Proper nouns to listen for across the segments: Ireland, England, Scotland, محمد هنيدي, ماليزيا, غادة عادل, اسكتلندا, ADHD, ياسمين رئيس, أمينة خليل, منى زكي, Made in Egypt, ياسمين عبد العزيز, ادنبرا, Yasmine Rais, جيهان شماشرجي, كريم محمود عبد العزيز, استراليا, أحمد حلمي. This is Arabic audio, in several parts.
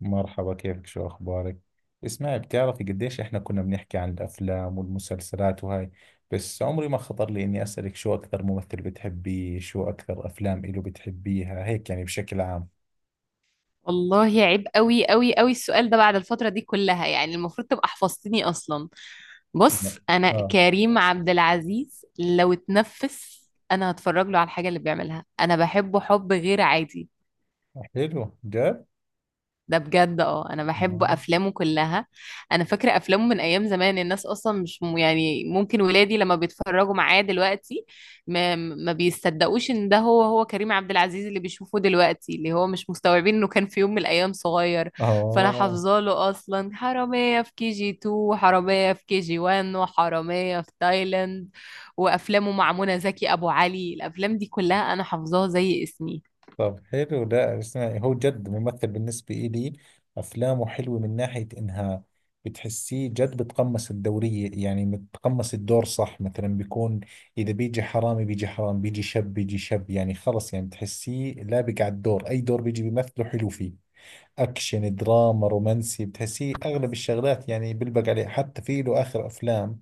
مرحبا، كيفك؟ شو أخبارك؟ اسمعي، بتعرفي قديش إحنا كنا بنحكي عن الأفلام والمسلسلات وهاي، بس عمري ما خطر لي إني أسألك شو أكثر ممثل بتحبيه، شو أكثر أفلام إله بتحبيها، هيك يعني بشكل عام. والله عيب قوي قوي قوي السؤال ده بعد الفترة دي كلها، يعني المفروض تبقى حفظتني أصلا. بص، لا. أنا آه. كريم عبد العزيز لو اتنفس أنا هتفرج له على الحاجة اللي بيعملها. أنا بحبه حب غير عادي حلو جد؟ ده بجد. اه انا بحب آه. افلامه كلها. انا فاكره افلامه من ايام زمان، الناس اصلا مش يعني ممكن ولادي لما بيتفرجوا معاه دلوقتي ما بيصدقوش ان ده هو كريم عبد العزيز اللي بيشوفوه دلوقتي، اللي هو مش مستوعبين انه كان في يوم من الايام صغير. فانا آه. حافظه له اصلا حراميه في كي جي 2 وحراميه في كي جي 1 وحراميه في تايلاند، وافلامه مع منى زكي، ابو علي، الافلام دي كلها انا حافظاها زي اسمي. طب حلو. ده اسمعي، هو جد ممثل بالنسبة إلي. أفلامه حلوة من ناحية إنها بتحسيه جد بتقمص الدورية، يعني بتقمص الدور صح. مثلا بيكون، إذا بيجي حرامي بيجي حرام، بيجي شب بيجي شب، يعني خلص، يعني بتحسيه لابق على الدور. أي دور بيجي بيمثله حلو فيه. اكشن، دراما، رومانسي، بتحسيه اغلب الشغلات يعني بلبق عليه. حتى في له اخر افلام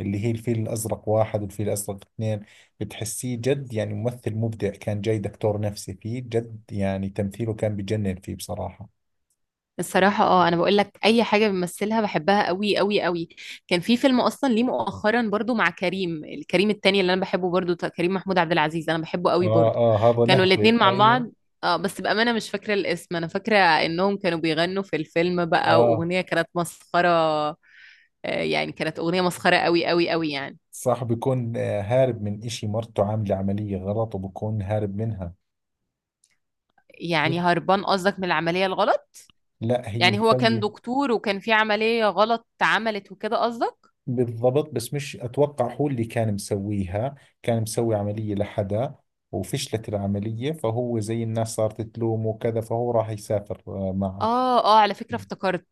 اللي هي الفيل الازرق واحد والفيل الازرق اثنين، بتحسيه جد يعني ممثل مبدع. كان جاي دكتور نفسي فيه، جد يعني تمثيله كان بجنن فيه بصراحة. الصراحة اه، انا بقول لك اي حاجة بيمثلها بحبها قوي قوي قوي. كان في فيلم اصلا ليه مؤخرا برضو مع كريم، الكريم التاني اللي انا بحبه برضو، كريم محمود عبد العزيز انا بحبه قوي اه برضو. اه، هذا كانوا آه. الاتنين نهبة، مع ايوه. بعض. اه بس بأمانة مش فاكرة الاسم. انا فاكرة انهم كانوا بيغنوا في الفيلم بقى، اه واغنية كانت مسخرة. آه، يعني كانت اغنية مسخرة قوي قوي قوي يعني. صح، بيكون هارب من اشي مرته عاملة عملية غلط وبكون هارب منها. يعني هربان قصدك من العملية الغلط؟ لا هي يعني هو كان مسوية. دكتور وكان في عملية غلط اتعملت وكده قصدك؟ بالضبط، بس مش أتوقع هو اللي كان مسويها. كان مسوي عملية لحدا وفشلت العملية، فهو زي الناس صارت تلومه وكذا، فهو راح يسافر معه. اه اه، على فكرة افتكرت.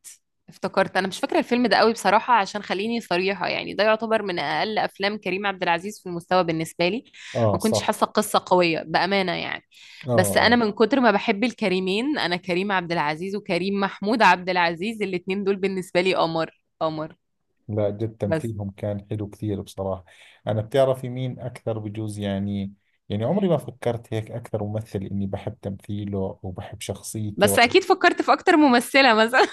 افتكرت. انا مش فاكرة الفيلم ده قوي بصراحة، عشان خليني صريحة يعني، ده يعتبر من اقل افلام كريم عبد العزيز في المستوى بالنسبة لي. آه ما كنتش صح. حاسة قصة قوية بأمانة يعني. آه بس انا آه. من كتر ما بحب الكريمين، انا كريم عبد العزيز وكريم محمود عبد العزيز الاتنين دول بالنسبة لي قمر قمر. لا جد بس. تمثيلهم كان حلو كثير بصراحة. أنا بتعرفي مين أكثر، بجوز يعني، يعني عمري ما فكرت هيك أكثر ممثل إني بحب تمثيله وبحب شخصيته. بس اكيد فكرت في اكتر ممثلة مثلا.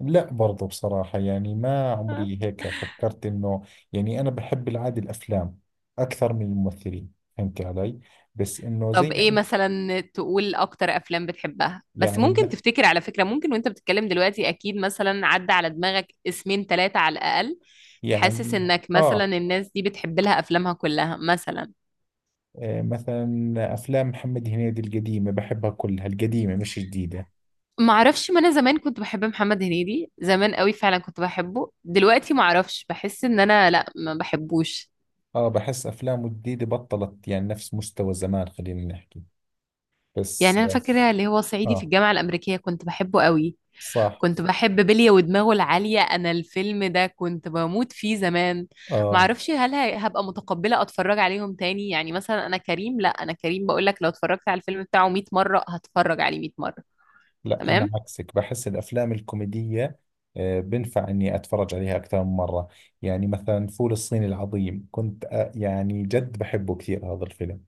لا برضو بصراحة، يعني ما عمري هيك فكرت إنه، يعني أنا بحب العادة الأفلام أكثر من الممثلين، فهمت علي؟ بس إنه طب زي ما ايه أنت، مثلا، تقول اكتر افلام بتحبها؟ بس يعني ممكن مث- تفتكر، على فكرة، ممكن وانت بتتكلم دلوقتي اكيد مثلا عدى على دماغك اسمين ثلاثة على الاقل. حاسس يعني، انك مثلا آه. الناس دي بتحب لها افلامها كلها مثلا. آه، مثلا أفلام محمد هنيدي القديمة بحبها كلها، القديمة مش جديدة. ما اعرفش، ما انا زمان كنت بحب محمد هنيدي زمان قوي، فعلا كنت بحبه. دلوقتي ما اعرفش، بحس ان انا لا، ما بحبوش. آه، بحس أفلامه الجديدة بطلت يعني نفس مستوى زمان خلينا نحكي. يعني بس انا آه. فاكرة اللي هو صعيدي في آه، الجامعة الامريكية كنت بحبه قوي. صح. كنت بحب بلية ودماغه العالية، أنا الفيلم ده كنت بموت فيه زمان. آه. معرفش هل هبقى متقبلة أتفرج عليهم تاني، يعني مثلا أنا كريم لأ. أنا كريم بقولك لو اتفرجت على الفيلم بتاعه 100 مرة هتفرج عليه 100 مرة. لا أنا تمام. عكسك، بحس الأفلام الكوميدية، بنفع إني أتفرج عليها أكثر من مرة. يعني مثلا فول الصين العظيم كنت يعني جد بحبه كثير هذا الفيلم.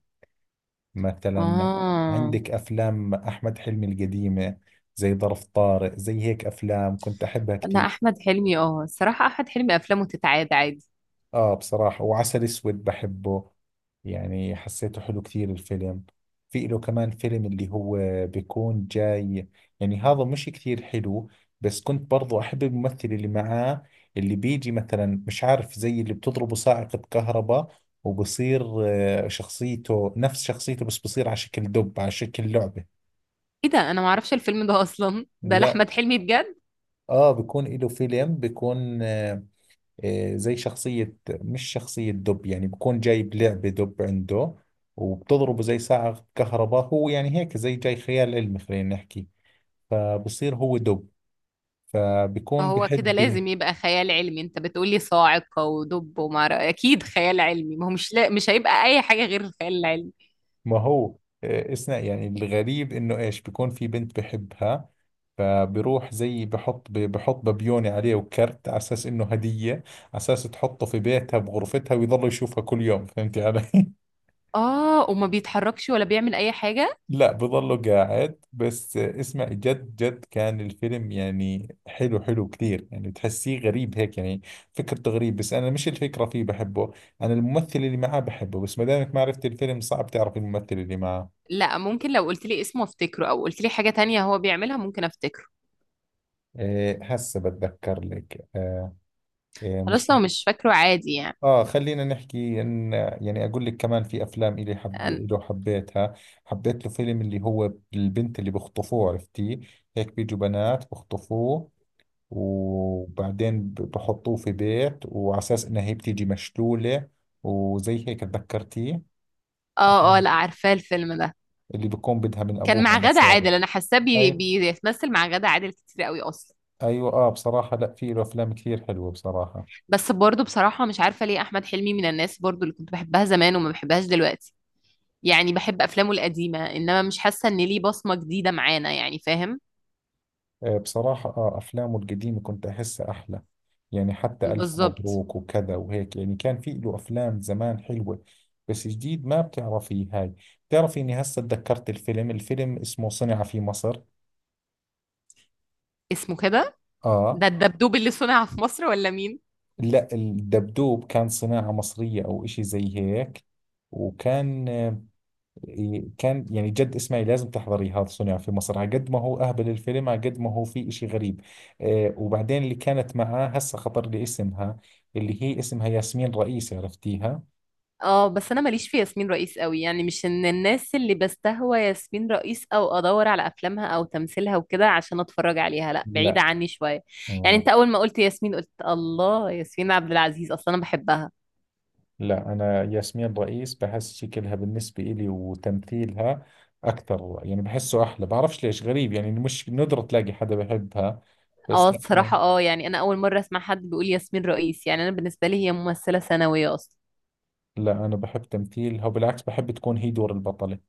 مثلا آه. عندك أفلام أحمد حلمي القديمة، زي ظرف طارق، زي هيك أفلام كنت أحبها أنا كثير. أحمد حلمي آه، الصراحة أحمد حلمي أفلامه تتعاد عادي. اه بصراحة، وعسل اسود بحبه، يعني حسيته حلو كثير الفيلم. في له كمان فيلم اللي هو بيكون جاي، يعني هذا مش كثير حلو، بس كنت برضو احب الممثل اللي معاه. اللي بيجي مثلا، مش عارف، زي اللي بتضربه صاعقة كهرباء وبصير، شخصيته نفس شخصيته بس بصير على شكل دب، على شكل لعبة. إيه ده؟ أنا معرفش الفيلم ده أصلا. ده لا، لأحمد حلمي بجد؟ اه بيكون له فيلم بيكون زي شخصية، مش شخصية دب، يعني بكون جايب لعبة دب عنده وبتضربه زي ساعة كهرباء، هو يعني هيك زي جاي خيال علمي خلينا نحكي، فبصير هو دب، فبكون فهو كده بحب. لازم يبقى خيال علمي. أنت بتقولي صاعقة ودب ومعرفش، أكيد خيال علمي، ما هو مش لا... مش هيبقى أي حاجة غير الخيال العلمي. ما هو اسمع، يعني الغريب انه ايش، بكون في بنت بحبها فبروح زي بحط بحط ببيوني عليه وكرت على اساس انه هدية، على اساس تحطه في بيتها بغرفتها ويضل يشوفها كل يوم، فهمتي علي؟ اه وما بيتحركش ولا بيعمل اي حاجة؟ لا بظله قاعد بس اسمع، جد جد كان الفيلم يعني حلو حلو كثير، يعني بتحسيه غريب هيك يعني. فكرته غريب بس انا مش الفكرة فيه بحبه، انا الممثل اللي معاه بحبه، بس ما دامك ما عرفت الفيلم صعب تعرف الممثل اللي معاه. لا ممكن، لو قلت لي اسمه افتكره، او قلت لي حاجة تانية هو بيعملها ممكن افتكره. إيه هسه بتذكر لك. إيه، إيه خلاص مش. لو مش فاكره عادي يعني. اه خلينا نحكي ان، يعني اقول لك كمان في افلام الي حب أنا- له حبيتها. حبيت له فيلم اللي هو البنت اللي بخطفوه، عرفتي؟ هيك بيجوا بنات بخطفوه وبعدين بحطوه في بيت وعلى اساس انها هي بتيجي مشلولة، وزي هيك، تذكرتيه؟ اه اه، عشان لا عارفاه الفيلم ده. اللي بكون بدها من كان ابوها مع غادة مصاري. عادل. انا حاساه اي، بيتمثل مع غادة عادل كتير قوي اصلا. ايوه اه بصراحة، لا في له افلام كثير حلوة بصراحة. بس برضه بصراحة مش عارفة ليه احمد حلمي من الناس برضه اللي كنت بحبها زمان وما بحبهاش دلوقتي. يعني بحب افلامه القديمة، انما مش حاسة ان ليه بصمة جديدة معانا، يعني فاهم. آه بصراحة، اه افلامه القديمة كنت احسها احلى، يعني حتى الف بالظبط. مبروك وكذا وهيك، يعني كان في له افلام زمان حلوة. بس جديد ما بتعرفي هاي. بتعرفي اني هسه تذكرت الفيلم؟ الفيلم اسمه صنع في مصر. اسمه كده؟ ده اه. الدبدوب اللي صنع في مصر ولا مين؟ لا الدبدوب كان صناعة مصرية أو إشي زي هيك، وكان، كان يعني جد اسمعي لازم تحضري هذا صنع في مصر، على قد ما هو أهبل الفيلم على قد ما هو في إشي غريب. وبعدين اللي كانت معاه هسه خطر لي اسمها، اللي هي اسمها ياسمين رئيس، عرفتيها؟ اه بس انا ماليش في ياسمين رئيس قوي، يعني مش ان الناس اللي بستهوى ياسمين رئيس او ادور على افلامها او تمثيلها وكده عشان اتفرج عليها، لا بعيدة لا. عني شوية. يعني آه، انت اول ما قلت ياسمين قلت الله، ياسمين عبد العزيز اصلا انا بحبها. لا أنا ياسمين رئيس بحس شكلها بالنسبة إلي وتمثيلها أكثر، يعني بحسه أحلى، بعرفش ليش، غريب يعني مش ندرة تلاقي حدا بحبها، اه بس لا. الصراحة اه، يعني انا اول مرة اسمع حد بيقول ياسمين رئيس. يعني انا بالنسبة لي هي ممثلة ثانوية اصلا. لا أنا بحب تمثيلها وبالعكس بحب تكون هي دور البطلة،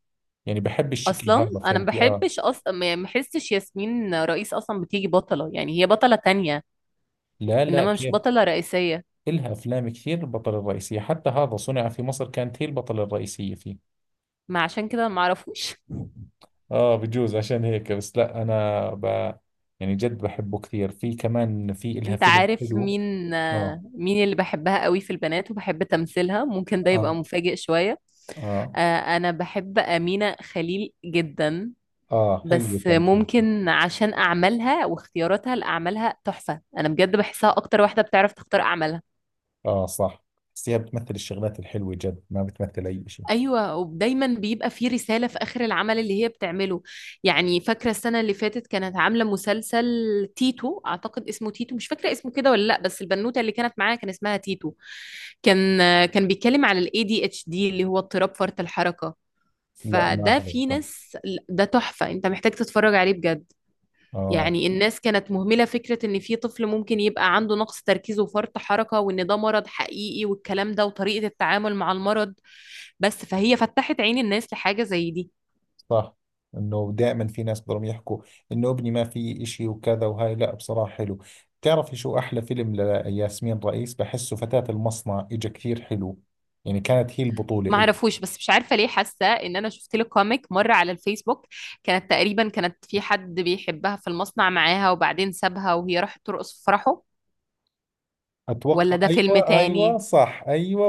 يعني بحب الشكل اصلا هذا، انا ما فهمتي آه. بحبش اصلا، ما يعني ما بحسش ياسمين رئيس اصلا بتيجي بطلة. يعني هي بطلة تانية، لا لا، انما مش كيف؟ بطلة رئيسية. إلها أفلام كثير البطلة الرئيسية، حتى هذا صنع في مصر كانت هي البطلة الرئيسية فيه. ما عشان كده ما اعرفوش. آه بجوز عشان هيك، بس لا أنا ب... يعني جد بحبه كثير. في كمان، في إلها انت فيلم عارف حلو. مين آه. آه، مين اللي بحبها قوي في البنات وبحب تمثيلها؟ ممكن ده يبقى آه. مفاجئ شوية. آه. آه، انا بحب أمينة خليل جدا. آه حلو بس تمثيل. ممكن عشان أعمالها واختياراتها لأعمالها تحفة، انا بجد بحسها اكتر واحدة بتعرف تختار أعمالها. آه صح، بس هي بتمثل الشغلات الحلوة جد، ما بتمثل أي شيء. ايوه ودايما بيبقى في رساله في اخر العمل اللي هي بتعمله. يعني فاكره السنه اللي فاتت كانت عامله مسلسل تيتو، اعتقد اسمه تيتو، مش فاكره اسمه كده ولا لا، بس البنوته اللي كانت معاها كان اسمها تيتو. كان. كان بيتكلم على الاي دي اتش دي اللي هو اضطراب فرط الحركه. لا ما فده في حضرته. ناس، ده تحفه، انت محتاج تتفرج عليه بجد. آه يعني الناس كانت مهملة فكرة إن في طفل ممكن يبقى عنده نقص تركيز وفرط حركة، وإن ده مرض حقيقي والكلام ده، وطريقة التعامل مع المرض. بس فهي فتحت عين الناس لحاجة زي دي. صح، انه دائما في ناس بدهم يحكوا انه ابني ما في اشي وكذا وهاي، لا بصراحة حلو. بتعرفي شو احلى فيلم لياسمين رئيس بحسه؟ فتاة المصنع، اجا كثير حلو، يعني كانت هي البطولة ما إلي. اعرفوش، بس مش عارفة ليه حاسة إن أنا شفت لك كوميك مرة على الفيسبوك. كانت تقريبا كانت في حد بيحبها في المصنع معاها، وبعدين سابها وهي راحت ترقص في فرحه. ولا اتوقع، ده فيلم ايوه ايوه تاني؟ صح، ايوه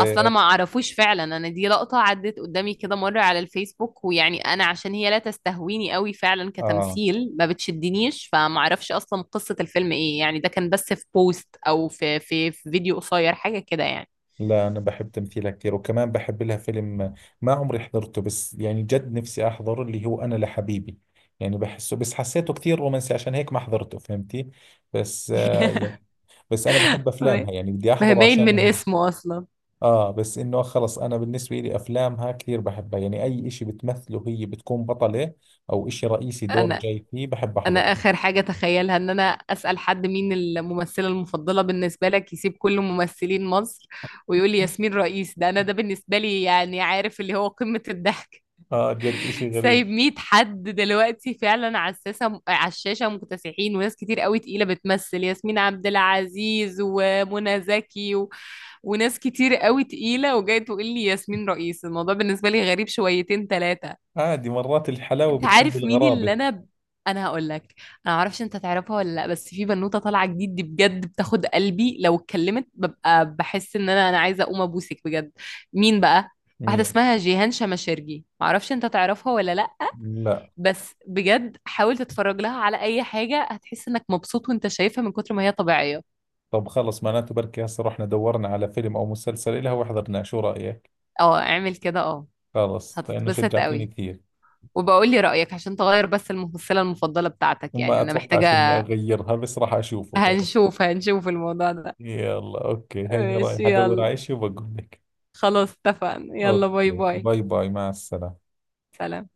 اصل انا ما اعرفوش فعلا. انا دي لقطة عدت قدامي كده مرة على الفيسبوك، ويعني انا عشان هي لا تستهويني قوي فعلا اه، كتمثيل، ما بتشدنيش، فما اعرفش اصلا قصة الفيلم ايه، يعني ده كان بس في بوست او في في فيديو قصير حاجة كده يعني. لا انا بحب تمثيلها كثير، وكمان بحب لها فيلم ما عمري حضرته، بس يعني جد نفسي احضره، اللي هو انا لحبيبي، يعني بحسه، بس حسيته كثير رومانسي عشان هيك ما حضرته، فهمتي؟ بس آه يعني، بس انا بحب افلامها يعني بدي ما هي احضره باين عشان من هي. اسمه اصلا. اه بس انه خلص، انا بالنسبه لي افلامها كثير بحبها، يعني اي اشي بتمثله هي بتكون بطله او اشي رئيسي دور انا. جاي فيه بحب انا احضره. اخر حاجة تخيلها ان انا اسأل حد مين الممثلة المفضلة بالنسبة لك يسيب كل ممثلين مصر ويقول لي ياسمين رئيس. ده انا ده بالنسبة لي يعني عارف اللي هو قمة الضحك. اه جد اشي سايب غريب. 100 حد دلوقتي فعلا على الساسة على الشاشة مكتسحين وناس كتير قوي تقيلة بتمثل، ياسمين عبد العزيز ومنى زكي و... وناس كتير قوي تقيلة، وجاي تقول لي ياسمين رئيس؟ الموضوع بالنسبة لي غريب شويتين ثلاثة. عادي، مرات الحلاوه انت بتكون عارف مين اللي بالغرابه. انا هقول لك. انا معرفش انت تعرفها ولا لا، بس في بنوتة طالعة جديد دي بجد بتاخد قلبي، لو اتكلمت ببقى بحس ان انا عايزة اقوم ابوسك بجد. مين بقى؟ واحدة مية. اسمها جيهان شماشرجي، معرفش انت تعرفها ولا لا، لا. بس بجد حاول تتفرج لها على اي حاجة، هتحس انك مبسوط وانت شايفها من كتر ما هي طبيعية. طب خلص، معناته بركي هسه رحنا دورنا على فيلم او مسلسل إلها وحضرناه، شو رايك؟ اه اعمل كده اه. خلص لانه هتتبسط شجعتيني قوي. كثير. وبقول لي رأيك عشان تغير بس الممثلة المفضلة بتاعتك، يعني ما انا اتوقعش اني محتاجة. اغيرها بس راح اشوفه، خلص. هنشوف هنشوف الموضوع ده. يلا اوكي، هيني ماشي رايح ادور على يلا. اشي وبقول لك. خلاص اتفقنا، يلا باي اوكي باي. باي باي، مع السلامة. سلام.